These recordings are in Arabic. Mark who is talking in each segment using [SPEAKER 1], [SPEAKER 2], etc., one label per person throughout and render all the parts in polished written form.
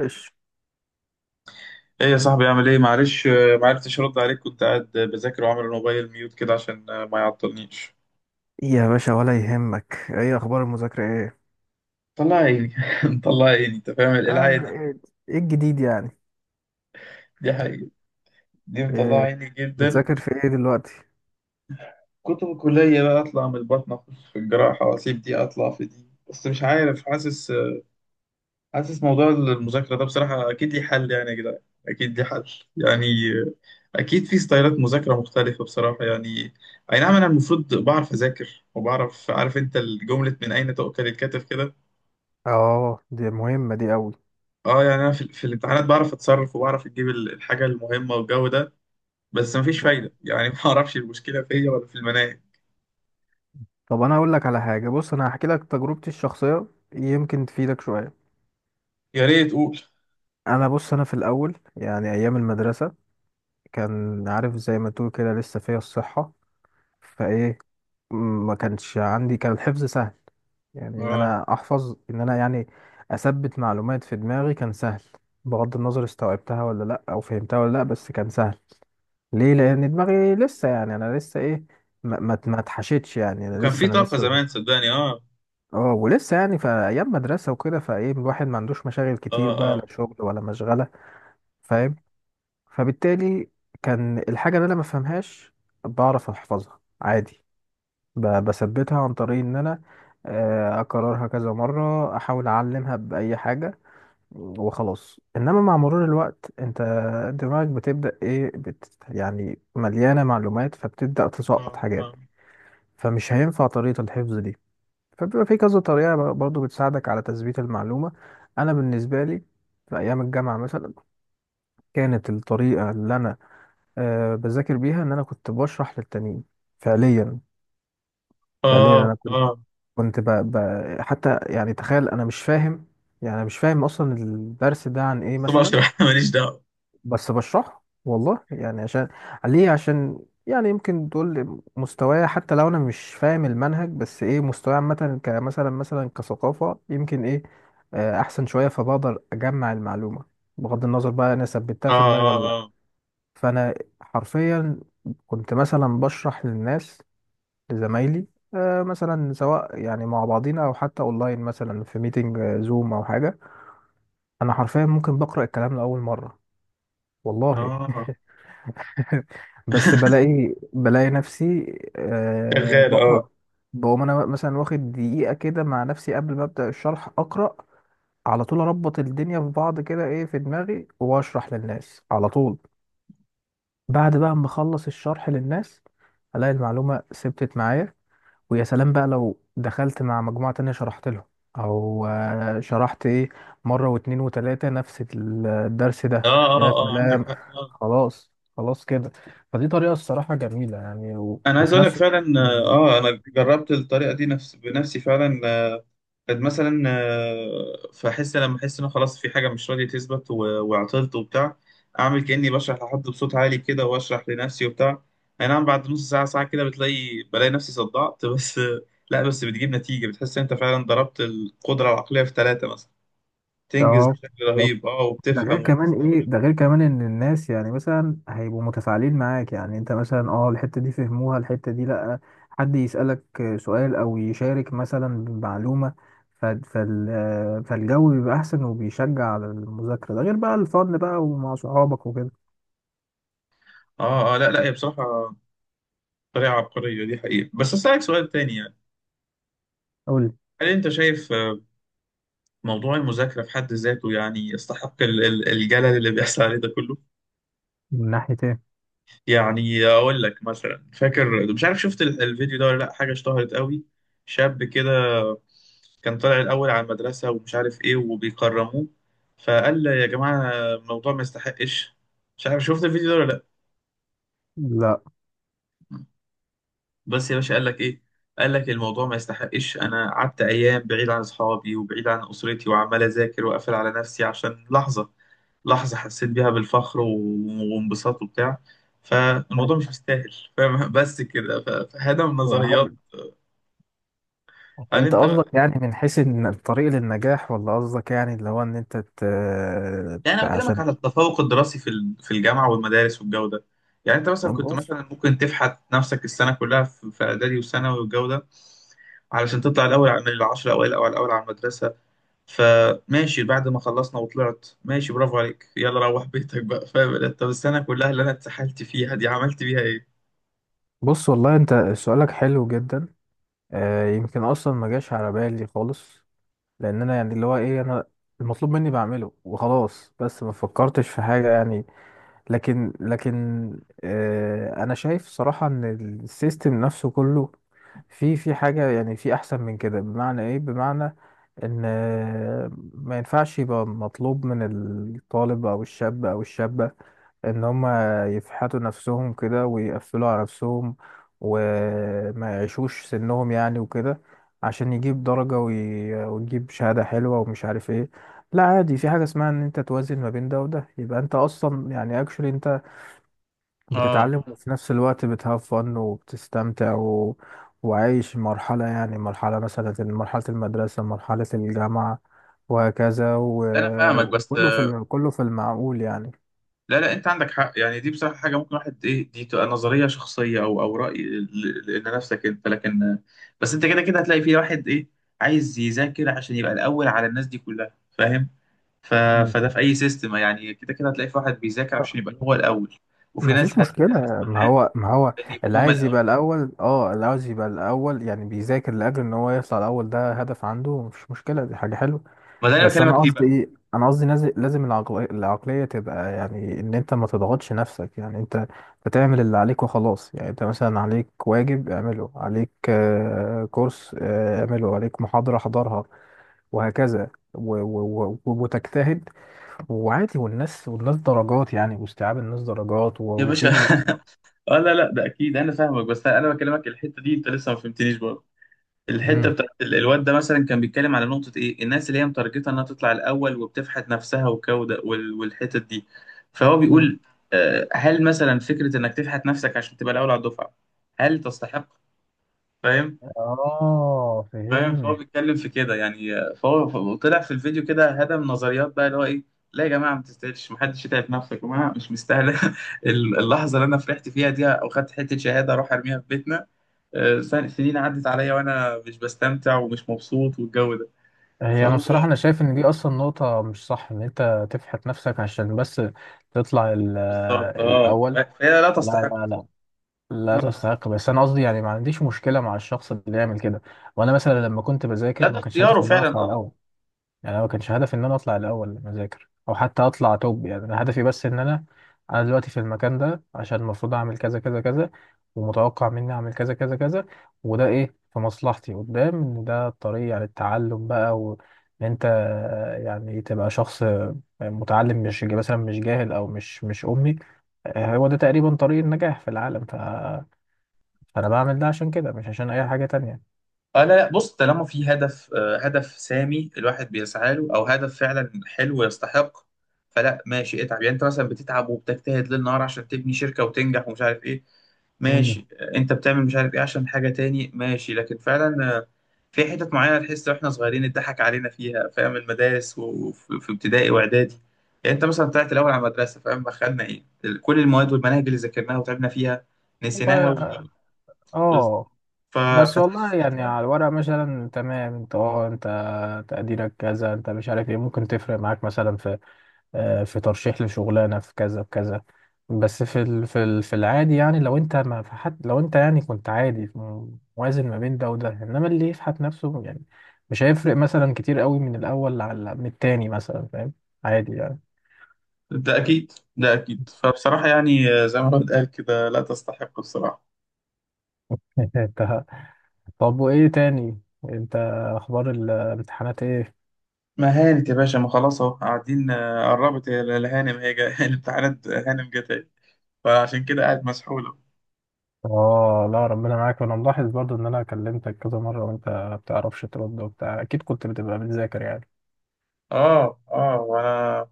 [SPEAKER 1] ايش؟
[SPEAKER 2] ايه يا صاحبي؟ اعمل ايه؟ معلش ما عرفتش ارد عليك، كنت قاعد بذاكر وعامل الموبايل ميوت كده عشان ما يعطلنيش.
[SPEAKER 1] يا باشا ولا يهمك، ايه اخبار المذاكرة؟ ايه
[SPEAKER 2] مطلع عيني مطلع عيني، انت فاهم
[SPEAKER 1] اه ده؟
[SPEAKER 2] العادي.
[SPEAKER 1] ايه إيه الجديد يعني؟
[SPEAKER 2] دي حقيقة، دي مطلع
[SPEAKER 1] إيه
[SPEAKER 2] عيني جدا.
[SPEAKER 1] بتذاكر في ايه دلوقتي؟
[SPEAKER 2] كنت في الكلية بقى اطلع من البطن اخش في الجراحة واسيب دي اطلع في دي، بس مش عارف، حاسس حاسس موضوع المذاكرة ده بصراحة اكيد ليه حل يعني يا جدعان. اكيد ليه حل. يعني آه، اكيد في ستايلات مذاكرة مختلفة بصراحة يعني. اي نعم، انا المفروض بعرف اذاكر وبعرف، عارف انت الجملة، من اين تؤكل الكتف كده.
[SPEAKER 1] اه دي مهمة دي قوي.
[SPEAKER 2] اه يعني انا في الامتحانات بعرف اتصرف وبعرف اجيب الحاجه المهمه والجو ده. بس مفيش
[SPEAKER 1] مم.
[SPEAKER 2] فايده يعني. ما اعرفش المشكله فيا ولا في المناهج.
[SPEAKER 1] طب انا اقول لك على حاجة، بص انا هحكي لك تجربتي الشخصية، يمكن تفيدك شوية.
[SPEAKER 2] يا ريت قول.
[SPEAKER 1] انا بص، انا في الاول يعني ايام المدرسة كان عارف زي ما تقول كده لسه فيا الصحة، فايه ما كانش عندي، كان الحفظ سهل، يعني ان
[SPEAKER 2] اه
[SPEAKER 1] انا احفظ، ان انا يعني اثبت معلومات في دماغي كان سهل، بغض النظر استوعبتها ولا لا او فهمتها ولا لا، بس كان سهل. ليه؟ لان دماغي لسه، يعني انا لسه ايه، ما اتحشتش، يعني انا
[SPEAKER 2] وكان
[SPEAKER 1] لسه
[SPEAKER 2] في
[SPEAKER 1] انا
[SPEAKER 2] طاقه
[SPEAKER 1] لسه.
[SPEAKER 2] زمان، صدقني اه.
[SPEAKER 1] اه ولسه يعني في ايام مدرسه وكده، فايه الواحد ما عندوش مشاغل كتير، بقى
[SPEAKER 2] اه.
[SPEAKER 1] لا شغل ولا مشغله، فاهم؟ فبالتالي كان الحاجه اللي انا ما فهمهاش بعرف احفظها عادي، بثبتها عن طريق ان انا اكررها كذا مرة، احاول اعلمها باي حاجة وخلاص. انما مع مرور الوقت انت دماغك بتبدأ ايه، يعني مليانة معلومات، فبتبدأ
[SPEAKER 2] اه.
[SPEAKER 1] تسقط
[SPEAKER 2] اه.
[SPEAKER 1] حاجات، فمش هينفع طريقة الحفظ دي. فبيبقى في كذا طريقة برضو بتساعدك على تثبيت المعلومة. انا بالنسبة لي في ايام الجامعة مثلا كانت الطريقة اللي انا بذاكر بيها ان انا كنت بشرح للتانيين. فعليا،
[SPEAKER 2] اه.
[SPEAKER 1] فعليا انا
[SPEAKER 2] اه. اه
[SPEAKER 1] كنت حتى يعني تخيل انا مش فاهم، يعني أنا مش فاهم اصلا الدرس ده عن ايه
[SPEAKER 2] بس
[SPEAKER 1] مثلا،
[SPEAKER 2] بشرح ماليش دعوه.
[SPEAKER 1] بس بشرحه، والله يعني. عشان ليه؟ عشان يعني يمكن تقول مستواي، حتى لو انا مش فاهم المنهج، بس ايه مستواي عامه كمثلا مثلا كثقافه يمكن ايه احسن شويه، فبقدر اجمع المعلومه، بغض النظر بقى انا ثبتها
[SPEAKER 2] اه.
[SPEAKER 1] في دماغي ولا لا.
[SPEAKER 2] اه.
[SPEAKER 1] فانا حرفيا كنت مثلا بشرح للناس، لزمايلي، مثلا سواء يعني مع بعضينا او حتى اونلاين مثلا في ميتنج زوم او حاجه. انا حرفيا ممكن بقرا الكلام لاول مره،
[SPEAKER 2] اه.
[SPEAKER 1] والله،
[SPEAKER 2] اه.
[SPEAKER 1] بس بلاقي بلاقي نفسي
[SPEAKER 2] شغال
[SPEAKER 1] بقرا،
[SPEAKER 2] اه.
[SPEAKER 1] بقوم انا مثلا واخد دقيقه كده مع نفسي قبل ما ابدا الشرح اقرا، على طول اربط الدنيا في بعض كده ايه في دماغي واشرح للناس على طول. بعد بقى ما اخلص الشرح للناس الاقي المعلومه ثبتت معايا. ويا سلام بقى لو دخلت مع مجموعة تانية شرحت لهم أو شرحت إيه، مرة واتنين وتلاتة نفس الدرس ده.
[SPEAKER 2] اه.
[SPEAKER 1] يا
[SPEAKER 2] اه. اه عندك
[SPEAKER 1] سلام،
[SPEAKER 2] حق اه.
[SPEAKER 1] خلاص، خلاص كده. فدي طريقة الصراحة جميلة يعني
[SPEAKER 2] انا عايز
[SPEAKER 1] وفي
[SPEAKER 2] اقول لك
[SPEAKER 1] نفس الوقت
[SPEAKER 2] فعلا اه. انا جربت الطريقه دي نفس بنفسي فعلا. كانت مثلا فاحس، لما احس ان أنا خلاص في حاجه مش راضيه تثبت وعطلت وبتاع، اعمل كاني بشرح لحد بصوت عالي كده واشرح لنفسي وبتاع. اي نعم بعد نص ساعه ساعه كده بلاقي نفسي صدعت بس لا، بس بتجيب نتيجه، بتحس إن انت فعلا ضربت القدره العقليه في ثلاثه مثلا. تنجز
[SPEAKER 1] اه
[SPEAKER 2] بشكل
[SPEAKER 1] بالظبط.
[SPEAKER 2] رهيب اه،
[SPEAKER 1] ده
[SPEAKER 2] وبتفهم
[SPEAKER 1] غير كمان
[SPEAKER 2] وبتستوعب.
[SPEAKER 1] ايه، ده غير كمان ان الناس يعني مثلا هيبقوا متفاعلين معاك، يعني انت مثلا اه الحتة دي فهموها الحتة دي لأ، حد يسألك سؤال او يشارك مثلا بمعلومة، ف- فال فالجو بيبقى احسن وبيشجع على المذاكرة، ده غير بقى الفن بقى ومع صحابك وكده.
[SPEAKER 2] اه اه لا لا، هي بصراحه طريقه عبقريه دي حقيقه. بس اسالك سؤال تاني يعني،
[SPEAKER 1] قول،
[SPEAKER 2] هل انت شايف موضوع المذاكره في حد ذاته يعني يستحق الجلل اللي بيحصل عليه ده كله؟
[SPEAKER 1] من ناحية ايه؟
[SPEAKER 2] يعني اقول لك مثلا، فاكر، مش عارف شفت الفيديو ده ولا لا، حاجه اشتهرت قوي، شاب كده كان طالع الاول على المدرسه ومش عارف ايه وبيكرموه، فقال يا جماعه الموضوع ما يستحقش. مش عارف شفت الفيديو ده ولا
[SPEAKER 1] لا
[SPEAKER 2] لا؟ بس يا باشا قال لك ايه، قال لك الموضوع ما يستحقش، انا قعدت ايام بعيد عن اصحابي وبعيد عن اسرتي وعمال اذاكر واقفل على نفسي عشان لحظه، لحظه حسيت بيها بالفخر وانبساط وبتاع، فالموضوع مش مستاهل، فاهم؟ بس كده فهذا من
[SPEAKER 1] يا
[SPEAKER 2] النظريات.
[SPEAKER 1] راجل،
[SPEAKER 2] هل
[SPEAKER 1] انت
[SPEAKER 2] انت
[SPEAKER 1] قصدك
[SPEAKER 2] بقى،
[SPEAKER 1] يعني من حيث ان الطريق للنجاح، ولا قصدك يعني اللي هو ان انت
[SPEAKER 2] يعني انا بكلمك
[SPEAKER 1] عشان
[SPEAKER 2] على التفوق الدراسي في الجامعه والمدارس والجو ده. يعني انت مثلا كنت
[SPEAKER 1] بص،
[SPEAKER 2] مثلا ممكن تفحت نفسك السنه كلها في في اعدادي وثانوي والجو ده علشان تطلع الاول من العشر اوائل او الاول على المدرسه. فماشي، بعد ما خلصنا وطلعت ماشي، برافو عليك، يلا روح بيتك بقى، فاهم انت؟ طب السنه كلها اللي انا اتسحلت فيها دي عملت بيها ايه؟
[SPEAKER 1] بص والله انت سؤالك حلو جدا، آه يمكن اصلا ما جاش على بالي خالص، لان انا يعني اللي هو ايه، انا المطلوب مني بعمله وخلاص، بس ما فكرتش في حاجة يعني. لكن آه انا شايف صراحة ان السيستم نفسه كله في حاجة، يعني في احسن من كده. بمعنى ايه؟ بمعنى ان ما ينفعش يبقى مطلوب من الطالب او الشاب او الشابة ان هم يفحتوا نفسهم كده ويقفلوا على نفسهم وما يعيشوش سنهم يعني وكده، عشان يجيب درجة ويجيب شهادة حلوة ومش عارف ايه. لا عادي، في حاجة اسمها ان انت توازن ما بين ده وده، يبقى انت اصلا يعني اكشولي انت
[SPEAKER 2] اه
[SPEAKER 1] بتتعلم وفي نفس الوقت بتهاف فن وبتستمتع و... وعايش مرحلة، يعني مرحلة مثلا مرحلة المدرسة مرحلة الجامعة وهكذا و...
[SPEAKER 2] لا انا فاهمك بس،
[SPEAKER 1] كله في المعقول يعني.
[SPEAKER 2] لا لا، انت عندك حق يعني، دي بصراحه حاجه ممكن واحد ايه دي تبقى نظريه شخصيه او او راي، لان نفسك انت، لكن. بس انت كده كده هتلاقي في واحد ايه عايز يذاكر عشان يبقى الاول على الناس دي كلها، فاهم؟ ف...
[SPEAKER 1] مم.
[SPEAKER 2] فده في اي سيستم يعني، كده كده هتلاقي في واحد بيذاكر عشان يبقى هو الاول، وفي ناس
[SPEAKER 1] مفيش مشكلة،
[SPEAKER 2] هتتنافس
[SPEAKER 1] ما
[SPEAKER 2] معاه
[SPEAKER 1] هو ما هو
[SPEAKER 2] ان
[SPEAKER 1] اللي
[SPEAKER 2] يبقوا هم
[SPEAKER 1] عايز يبقى
[SPEAKER 2] الاول.
[SPEAKER 1] الأول، اه اللي عاوز يبقى الأول يعني بيذاكر لأجل إن هو يطلع الأول، ده هدف عنده، مفيش مشكلة، دي حاجة حلوة.
[SPEAKER 2] ما ده اللي انا
[SPEAKER 1] بس
[SPEAKER 2] بكلمك
[SPEAKER 1] أنا
[SPEAKER 2] فيه
[SPEAKER 1] قصدي
[SPEAKER 2] بقى.
[SPEAKER 1] إيه، أنا قصدي لازم العقلية تبقى يعني إن أنت ما تضغطش نفسك، يعني أنت بتعمل اللي عليك وخلاص. يعني أنت مثلا عليك واجب اعمله، عليك كورس اعمله، عليك محاضرة حضرها، وهكذا وتجتهد، وعادي. والناس درجات يعني، واستيعاب الناس درجات
[SPEAKER 2] يا باشا
[SPEAKER 1] وفي اللي اصلا
[SPEAKER 2] اه لا لا ده اكيد انا فاهمك، بس انا بكلمك الحته دي انت لسه ما فهمتنيش برضه. الحته
[SPEAKER 1] امم،
[SPEAKER 2] بتاعت الواد ده مثلا، كان بيتكلم على نقطه ايه، الناس اللي هي متارجته انها تطلع الاول وبتفحت نفسها وكوده والحتت دي. فهو
[SPEAKER 1] امم
[SPEAKER 2] بيقول هل مثلا فكره انك تفحت نفسك عشان تبقى الاول على الدفعه هل تستحق؟ فاهم؟
[SPEAKER 1] اه
[SPEAKER 2] فاهم. فهو
[SPEAKER 1] فهمت.
[SPEAKER 2] بيتكلم في كده يعني، فهو طلع في الفيديو كده هدم نظريات بقى، اللي هو ايه، لا يا جماعه ما تستاهلش، ما حدش يتعب نفسه يا جماعه، مش مستاهله. اللحظه اللي انا فرحت فيها دي او خدت حته شهاده اروح ارميها في بيتنا، سنين عدت عليا وانا مش بستمتع ومش مبسوط والجو ده.
[SPEAKER 1] هي انا
[SPEAKER 2] فهو
[SPEAKER 1] بصراحه انا شايف ان دي اصلا نقطه مش صح، ان انت تفحت نفسك عشان بس تطلع
[SPEAKER 2] بالظبط اه،
[SPEAKER 1] الاول.
[SPEAKER 2] فهي لا
[SPEAKER 1] لا
[SPEAKER 2] تستحق
[SPEAKER 1] لا لا،
[SPEAKER 2] بصراحة.
[SPEAKER 1] لا
[SPEAKER 2] لا تستحق.
[SPEAKER 1] تستحق، بس انا قصدي يعني ما عنديش مشكله مع الشخص اللي يعمل كده. وانا مثلا لما كنت
[SPEAKER 2] لا
[SPEAKER 1] بذاكر
[SPEAKER 2] ده
[SPEAKER 1] ما كانش
[SPEAKER 2] اختياره
[SPEAKER 1] هدفي ان انا
[SPEAKER 2] فعلا
[SPEAKER 1] اطلع الاول،
[SPEAKER 2] اه.
[SPEAKER 1] يعني انا ما كانش هدفي ان انا اطلع الاول مذاكر او حتى اطلع توب. يعني انا هدفي بس ان انا، انا دلوقتي في المكان ده عشان المفروض اعمل كذا كذا كذا، ومتوقع مني اعمل كذا كذا كذا، وده ايه في مصلحتي قدام، ان ده الطريق يعني التعلم بقى، وان انت يعني تبقى شخص متعلم، مش مثلا مش جاهل او مش امي. هو ده تقريبا طريق النجاح في العالم، فانا بعمل ده عشان كده، مش عشان اي حاجة تانية.
[SPEAKER 2] آه لا لا، بص، طالما في هدف، آه هدف سامي الواحد بيسعى له او هدف فعلا حلو يستحق، فلا ماشي اتعب، يعني انت مثلا بتتعب وبتجتهد ليل نهار عشان تبني شركه وتنجح ومش عارف ايه،
[SPEAKER 1] مم.
[SPEAKER 2] ماشي. آه انت بتعمل مش عارف ايه عشان حاجه تاني ماشي، لكن فعلا آه في حتت معينه تحس، واحنا صغيرين اتضحك علينا فيها، فاهم؟ المدارس وفي في ابتدائي واعدادي، يعني انت مثلا طلعت الاول على المدرسه فاهم، دخلنا ايه كل المواد والمناهج اللي ذاكرناها وتعبنا فيها، نسيناها
[SPEAKER 1] والله اه
[SPEAKER 2] بز-
[SPEAKER 1] آه.
[SPEAKER 2] ف...
[SPEAKER 1] بس
[SPEAKER 2] فتحس
[SPEAKER 1] والله يعني على
[SPEAKER 2] ساعتها.
[SPEAKER 1] الورق مثلا تمام، انت اه انت تقديرك كذا، انت مش عارف ايه، ممكن تفرق معاك مثلا في في ترشيح لشغلانه، في كذا في كذا، بس في العادي يعني، لو انت ما في حد، لو انت يعني كنت عادي موازن ما بين ده وده، انما اللي يفحت نفسه يعني مش هيفرق مثلا كتير قوي من الاول على من التاني مثلا، فاهم؟ عادي يعني.
[SPEAKER 2] ده أكيد، ده أكيد، فبصراحة يعني زي ما الواحد قال كده، لا تستحق الصراحة.
[SPEAKER 1] انت، طب وايه تاني، انت اخبار الامتحانات ايه؟
[SPEAKER 2] ما هانت يا باشا، ما خلاص أهو قاعدين قربت الهانم هي الامتحانات هانم جت أهي، فعشان كده قاعد مسحولة.
[SPEAKER 1] اه لا ربنا معاك، وانا ملاحظ برضو ان انا كلمتك كذا مره وانت ما بتعرفش ترد وبتاع، اكيد كنت بتبقى بتذاكر يعني.
[SPEAKER 2] آه آه، وأنا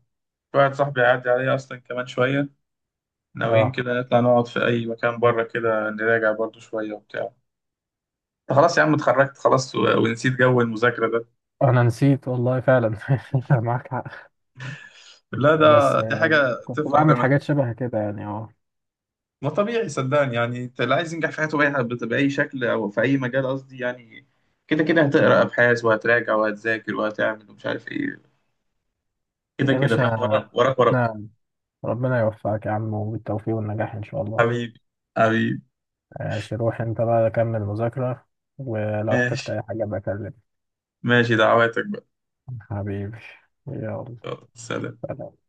[SPEAKER 2] في واحد صاحبي هيعدي عليا أصلا كمان شوية، ناويين
[SPEAKER 1] اه
[SPEAKER 2] كده نطلع نقعد في أي مكان بره كده نراجع برضو شوية وبتاع. أنت خلاص يا عم، اتخرجت خلاص ونسيت جو المذاكرة ده.
[SPEAKER 1] انا نسيت والله فعلا. معاك حق،
[SPEAKER 2] لا
[SPEAKER 1] بس
[SPEAKER 2] ده دي حاجة
[SPEAKER 1] كنت
[SPEAKER 2] تفرح،
[SPEAKER 1] بعمل حاجات شبه كده يعني اه.
[SPEAKER 2] ما طبيعي صدقني يعني، انت اللي عايز ينجح في حياته بأي، بأي شكل أو في أي مجال قصدي يعني، كده كده هتقرأ أبحاث وهتراجع وهتذاكر وهتعمل ومش عارف إيه، كده
[SPEAKER 1] يا
[SPEAKER 2] كده فاهم،
[SPEAKER 1] باشا،
[SPEAKER 2] وراك وراك وراك.
[SPEAKER 1] ربنا، ربنا يوفقك يا عم، وبالتوفيق والنجاح ان شاء الله.
[SPEAKER 2] حبيبي، حبيبي.
[SPEAKER 1] ماشي، روح انت بقى كمل مذاكره، ولو احتجت
[SPEAKER 2] ماشي،
[SPEAKER 1] اي حاجه بكلمك.
[SPEAKER 2] ماشي دعواتك بقى.
[SPEAKER 1] حبيبي، يلا،
[SPEAKER 2] يلا سلام.
[SPEAKER 1] سلام.